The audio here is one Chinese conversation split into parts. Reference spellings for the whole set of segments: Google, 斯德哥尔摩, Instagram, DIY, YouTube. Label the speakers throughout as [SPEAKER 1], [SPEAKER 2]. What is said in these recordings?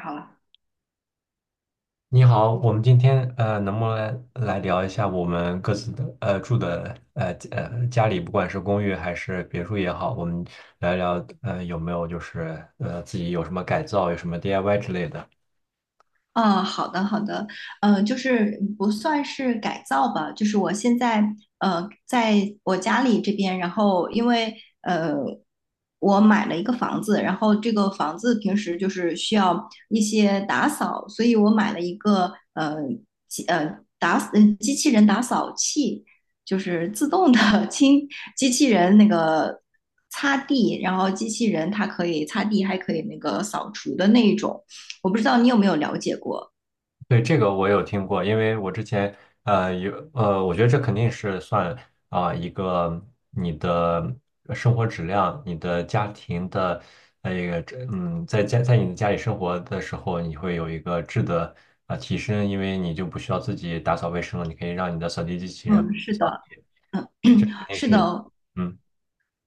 [SPEAKER 1] 好了。
[SPEAKER 2] 你好，我们今天能不能来聊一下我们各自的住的家里，不管是公寓还是别墅也好，我们聊一聊有没有就是自己有什么改造，有什么 DIY 之类的。
[SPEAKER 1] 啊，好的好的。就是不算是改造吧，就是我现在在我家里这边，然后因为呃我买了一个房子。然后这个房子平时就是需要一些打扫，所以我买了一个机器人打扫器，就是自动的 机器人那个擦地。然后机器人它可以擦地，还可以那个扫除的那一种。我不知道你有没有了解过？
[SPEAKER 2] 对，这个我有听过，因为我之前呃有呃，我觉得这肯定是算一个你的生活质量、你的家庭的一个在你的家里生活的时候，你会有一个质的提升，因为你就不需要自己打扫卫生了，你可以让你的扫地机器人
[SPEAKER 1] 嗯，是
[SPEAKER 2] 扫
[SPEAKER 1] 的。
[SPEAKER 2] 地，对，这肯定
[SPEAKER 1] 是
[SPEAKER 2] 是
[SPEAKER 1] 的。
[SPEAKER 2] 嗯。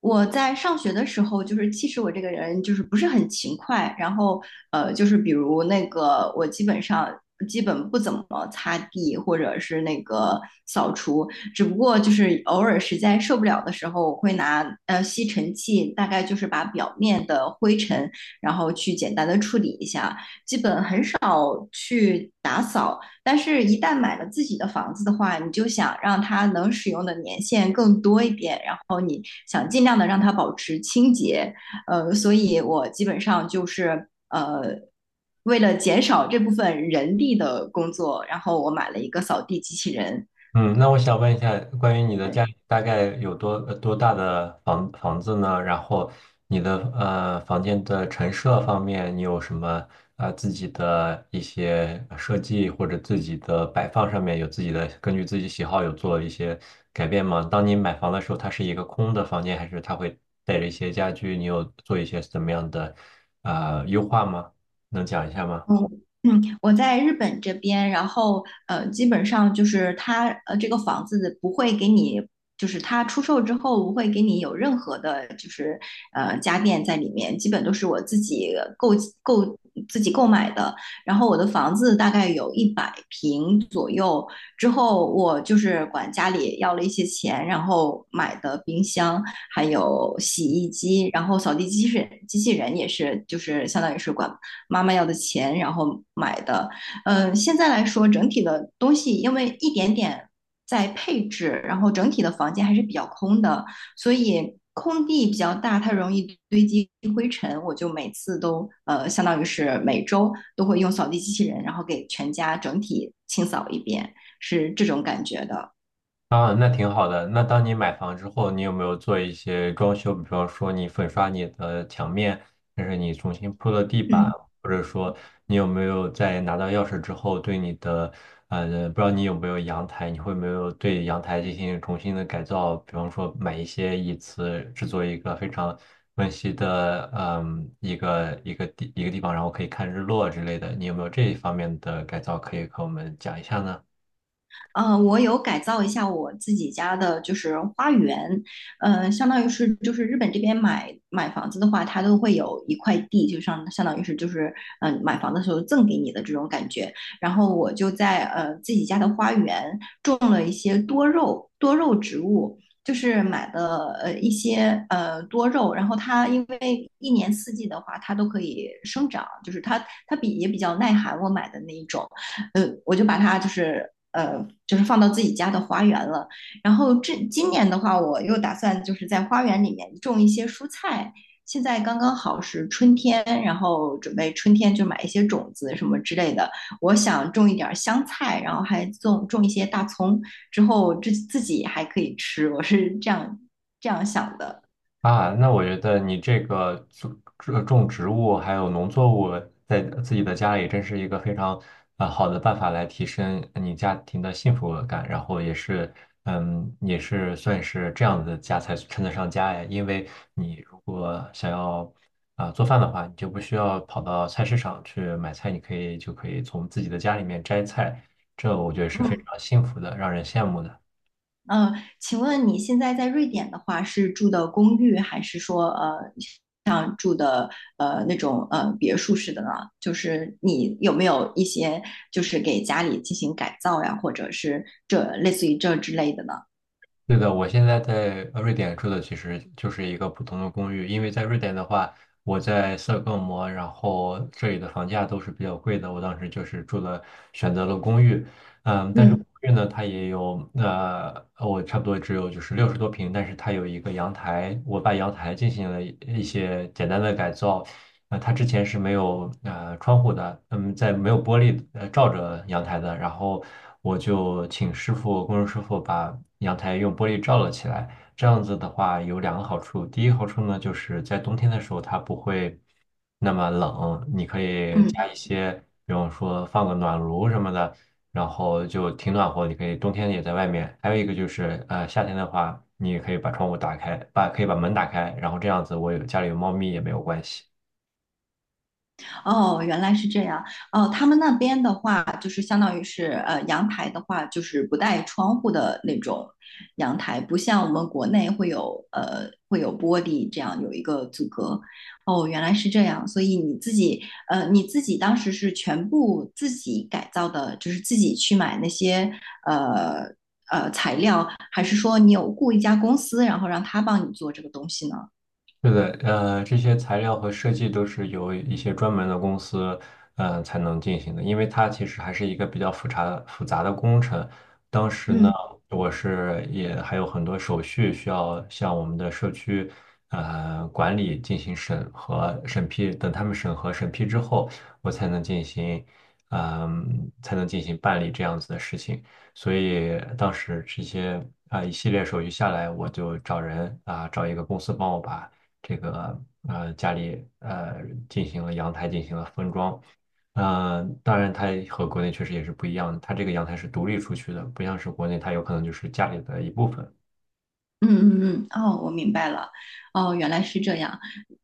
[SPEAKER 1] 我在上学的时候，就是其实我这个人就是不是很勤快，然后就是比如那个我基本不怎么擦地或者是那个扫除。只不过就是偶尔实在受不了的时候，我会拿吸尘器，大概就是把表面的灰尘，然后去简单的处理一下，基本很少去打扫。但是，一旦买了自己的房子的话，你就想让它能使用的年限更多一点，想尽量的让它保持清洁。所以我基本上就是为了减少这部分人力的工作，然后我买了一个扫地机器人。
[SPEAKER 2] 嗯，那我想问一下，关于你的家里大概有多多大的房子呢？然后你的房间的陈设方面，你有什么自己的一些设计或者自己的摆放上面有自己的根据自己喜好有做一些改变吗？当你买房的时候，它是一个空的房间，还是它会带着一些家具？你有做一些怎么样的优化吗？能讲一下吗？
[SPEAKER 1] 嗯嗯。我在日本这边，然后基本上就是他这个房子不会给你，就是他出售之后不会给你有任何的，就是家电在里面，基本都是我购自己购买的。然后我的房子大概有100平左右。之后我就是管家里要了一些钱，然后买的冰箱，还有洗衣机，然后扫地机器人也是，就是相当于是管妈妈要的钱，然后买的。现在来说，整体的东西因为一点点在配置，然后整体的房间还是比较空的，所以空地比较大，它容易堆积灰尘。我就每次都相当于是每周都会用扫地机器人，然后给全家整体清扫一遍，是这种感觉的。
[SPEAKER 2] 啊，那挺好的。那当你买房之后，你有没有做一些装修？比方说，你粉刷你的墙面，还是你重新铺了地板，
[SPEAKER 1] 嗯。
[SPEAKER 2] 或者说你有没有在拿到钥匙之后，对你的不知道你有没有阳台，你会没有对阳台进行重新的改造？比方说，买一些椅子，制作一个非常温馨的一个一个地方，然后可以看日落之类的。你有没有这一方面的改造可以和我们讲一下呢？
[SPEAKER 1] 我有改造一下我自己家的，就是花园。相当于是就是日本这边买房子的话，它都会有一块地，就相当于是就是买房的时候赠给你的这种感觉。然后我就在自己家的花园，些多肉植物，就是买的一些多肉，然后它因为一年四季的话，它都可以生长，就是它也比较耐寒。我买的那一种，我就把它就是放到自己家的花园了。然后今年的话，我又打算就是在花园里面种一些蔬菜。现在刚刚好是春天，然后准备春天就买一些种子什么之类的。我想种一点儿香菜，然后还种一些大葱，之后自己还可以吃。我是这样想的。
[SPEAKER 2] 啊，那我觉得你这个种种植物还有农作物在自己的家里，真是一个非常好的办法来提升你家庭的幸福感，然后也是嗯，也是算是这样的家才称得上家呀。因为你如果想要做饭的话，你就不需要跑到菜市场去买菜，你就可以从自己的家里面摘菜，这我觉得是非
[SPEAKER 1] 嗯
[SPEAKER 2] 常幸福的，让人羡慕的。
[SPEAKER 1] 嗯。请问你现在在瑞典的话，是住的公寓，还是说像住的那种别墅式的呢？就是你有没有一些就是给家里进行改造呀，或者是这类似于这之类的呢？
[SPEAKER 2] 对的，我现在在瑞典住的其实就是一个普通的公寓，因为在瑞典的话，我在斯德哥尔摩，然后这里的房价都是比较贵的，我当时就是住了选择了公寓，嗯，但是公
[SPEAKER 1] 嗯
[SPEAKER 2] 寓呢，它也有我差不多只有就是六十多平，但是它有一个阳台，我把阳台进行了一些简单的改造，呃，它之前是没有窗户的，嗯，在没有玻璃罩着阳台的。然后我就请师傅，工人师傅把阳台用玻璃罩了起来。这样子的话有两个好处，第一个好处呢，就是在冬天的时候它不会那么冷，你可以加
[SPEAKER 1] 嗯。
[SPEAKER 2] 一些，比方说放个暖炉什么的，然后就挺暖和，你可以冬天也在外面。还有一个就是，呃，夏天的话，你也可以把窗户打开，可以把门打开，然后这样子我有家里有猫咪也没有关系。
[SPEAKER 1] 哦，原来是这样。哦，他们那边的话，就是相当于是阳台的话，就是不带窗户的那种阳台，不像我们国内会有玻璃这样有一个阻隔。哦，原来是这样。所以你自己当时是全部自己改造的，就是自己去买那些呃材料，还是说你有雇一家公司，然后让他帮你做这个东西呢？
[SPEAKER 2] 是的，呃，这些材料和设计都是由一些专门的公司，嗯，才能进行的，因为它其实还是一个比较复杂的工程。当时呢，
[SPEAKER 1] 嗯。
[SPEAKER 2] 我是也还有很多手续需要向我们的社区，呃，管理进行审核、审批。等他们审核、审批之后，我才能进行，才能进行办理这样子的事情。所以当时这些一系列手续下来，我就找人找一个公司帮我把。这个家里进行了封装。呃，当然，它和国内确实也是不一样的。它这个阳台是独立出去的，不像是国内，它有可能就是家里的一部分。
[SPEAKER 1] 嗯嗯嗯。哦，我明白了。哦，原来是这样。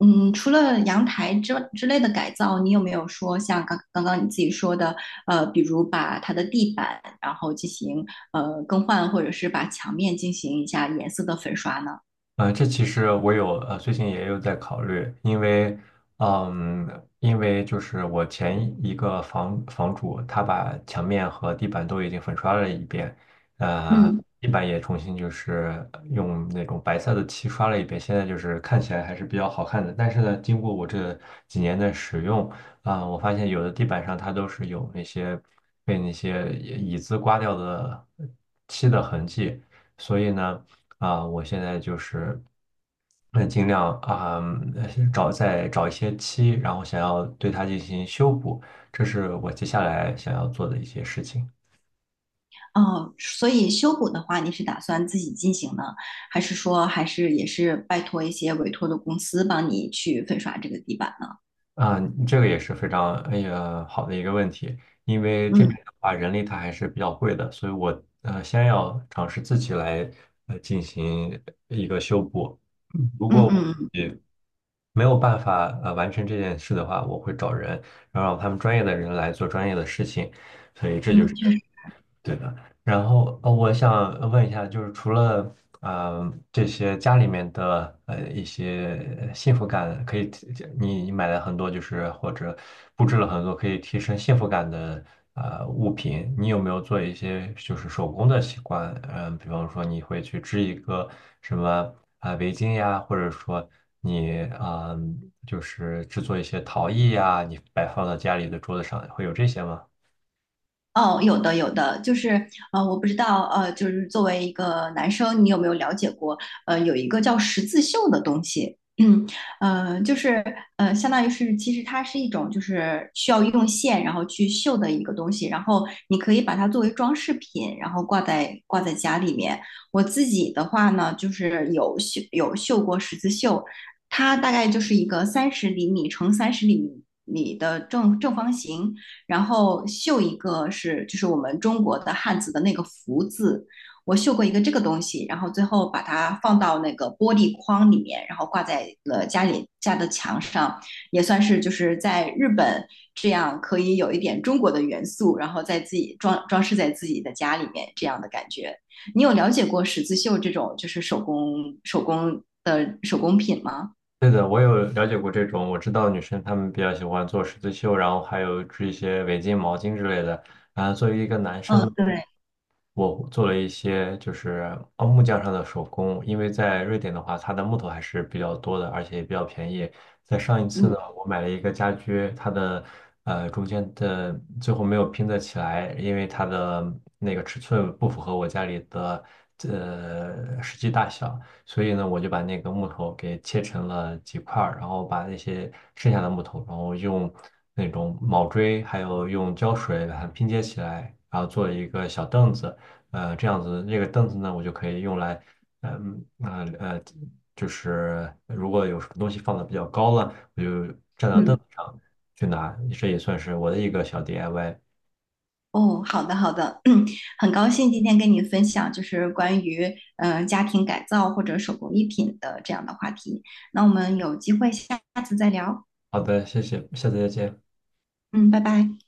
[SPEAKER 1] 嗯，除了阳台之类的改造，你有没有说像刚刚你自己说的，比如把它的地板然后进行更换，或者是把墙面进行一下颜色的粉刷呢？
[SPEAKER 2] 呃，这其实我有最近也有在考虑，因为，嗯，因为就是我前一个房主，他把墙面和地板都已经粉刷了一遍，呃，
[SPEAKER 1] 嗯。
[SPEAKER 2] 地板也重新就是用那种白色的漆刷了一遍，现在就是看起来还是比较好看的。但是呢，经过我这几年的使用，我发现有的地板上它都是有那些被那些椅子刮掉的漆的痕迹，所以呢。啊，我现在就是，那尽量呃再找一些漆，然后想要对它进行修补，这是我接下来想要做的一些事情。
[SPEAKER 1] 哦，所以修补的话，你是打算自己进行呢，还是说还是也是拜托一些委托的公司帮你去粉刷这个地板呢？
[SPEAKER 2] 啊，这个也是非常哎呀好的一个问题，因为这边
[SPEAKER 1] 嗯
[SPEAKER 2] 的话人力它还是比较贵的，所以我先要尝试自己来进行一个修补。嗯，如果
[SPEAKER 1] 嗯
[SPEAKER 2] 我
[SPEAKER 1] 嗯嗯，
[SPEAKER 2] 没有办法完成这件事的话，我会找人，然后让他们专业的人来做专业的事情。所以这就
[SPEAKER 1] 嗯，
[SPEAKER 2] 是。
[SPEAKER 1] 确实。
[SPEAKER 2] 对的，然后呃，我想问一下，就是除了这些家里面的一些幸福感，可以提你买了很多，就是或者布置了很多可以提升幸福感的物品，你有没有做一些就是手工的习惯？嗯、比方说你会去织一个什么围巾呀，或者说你就是制作一些陶艺呀，你摆放到家里的桌子上，会有这些吗？
[SPEAKER 1] 哦，有的有的，就是我不知道就是作为一个男生，你有没有了解过？有一个叫十字绣的东西。嗯，就是相当于是其实它是一种就是需要用线然后去绣的一个东西，然后你可以把它作为装饰品，然后挂在家里面。我自己的话呢，就是有绣过十字绣。它大概就是一个三十厘米乘三十厘米的正方形。然后绣一个是就是我们中国的汉字的那个福字，我绣过一个这个东西，然后最后把它放到那个玻璃框里面，然后挂在了家里家的墙上，也算是就是在日本这样可以有一点中国的元素，然后在自己装饰在自己的家里面这样的感觉。你有了解过十字绣这种就是手工的手工品吗？
[SPEAKER 2] 对的，我有了解过这种，我知道女生她们比较喜欢做十字绣，然后还有织一些围巾、毛巾之类的。啊，作为一个男生。
[SPEAKER 1] 嗯，对。
[SPEAKER 2] 我做了一些就是木匠上的手工，因为在瑞典的话，它的木头还是比较多的，而且也比较便宜。在上一次呢，
[SPEAKER 1] 嗯
[SPEAKER 2] 我买了一个家居，它的中间的最后没有拼得起来，因为它的那个尺寸不符合我家里的实际大小，所以呢，我就把那个木头给切成了几块儿，然后把那些剩下的木头，然后用那种铆锥还有用胶水把它拼接起来，然后做了一个小凳子。呃，这样子，那个凳子呢，我就可以用来，嗯啊呃呃就是如果有什么东西放的比较高了，我就站到凳
[SPEAKER 1] 嗯。
[SPEAKER 2] 子上去拿，这也算是我的一个小 DIY。
[SPEAKER 1] 哦，好的好的。嗯，很高兴今天跟你分享，就是关于家庭改造或者手工艺品的这样的话题。那我们有机会下次再聊。
[SPEAKER 2] 好的，谢谢，下次再见。
[SPEAKER 1] 嗯，拜拜。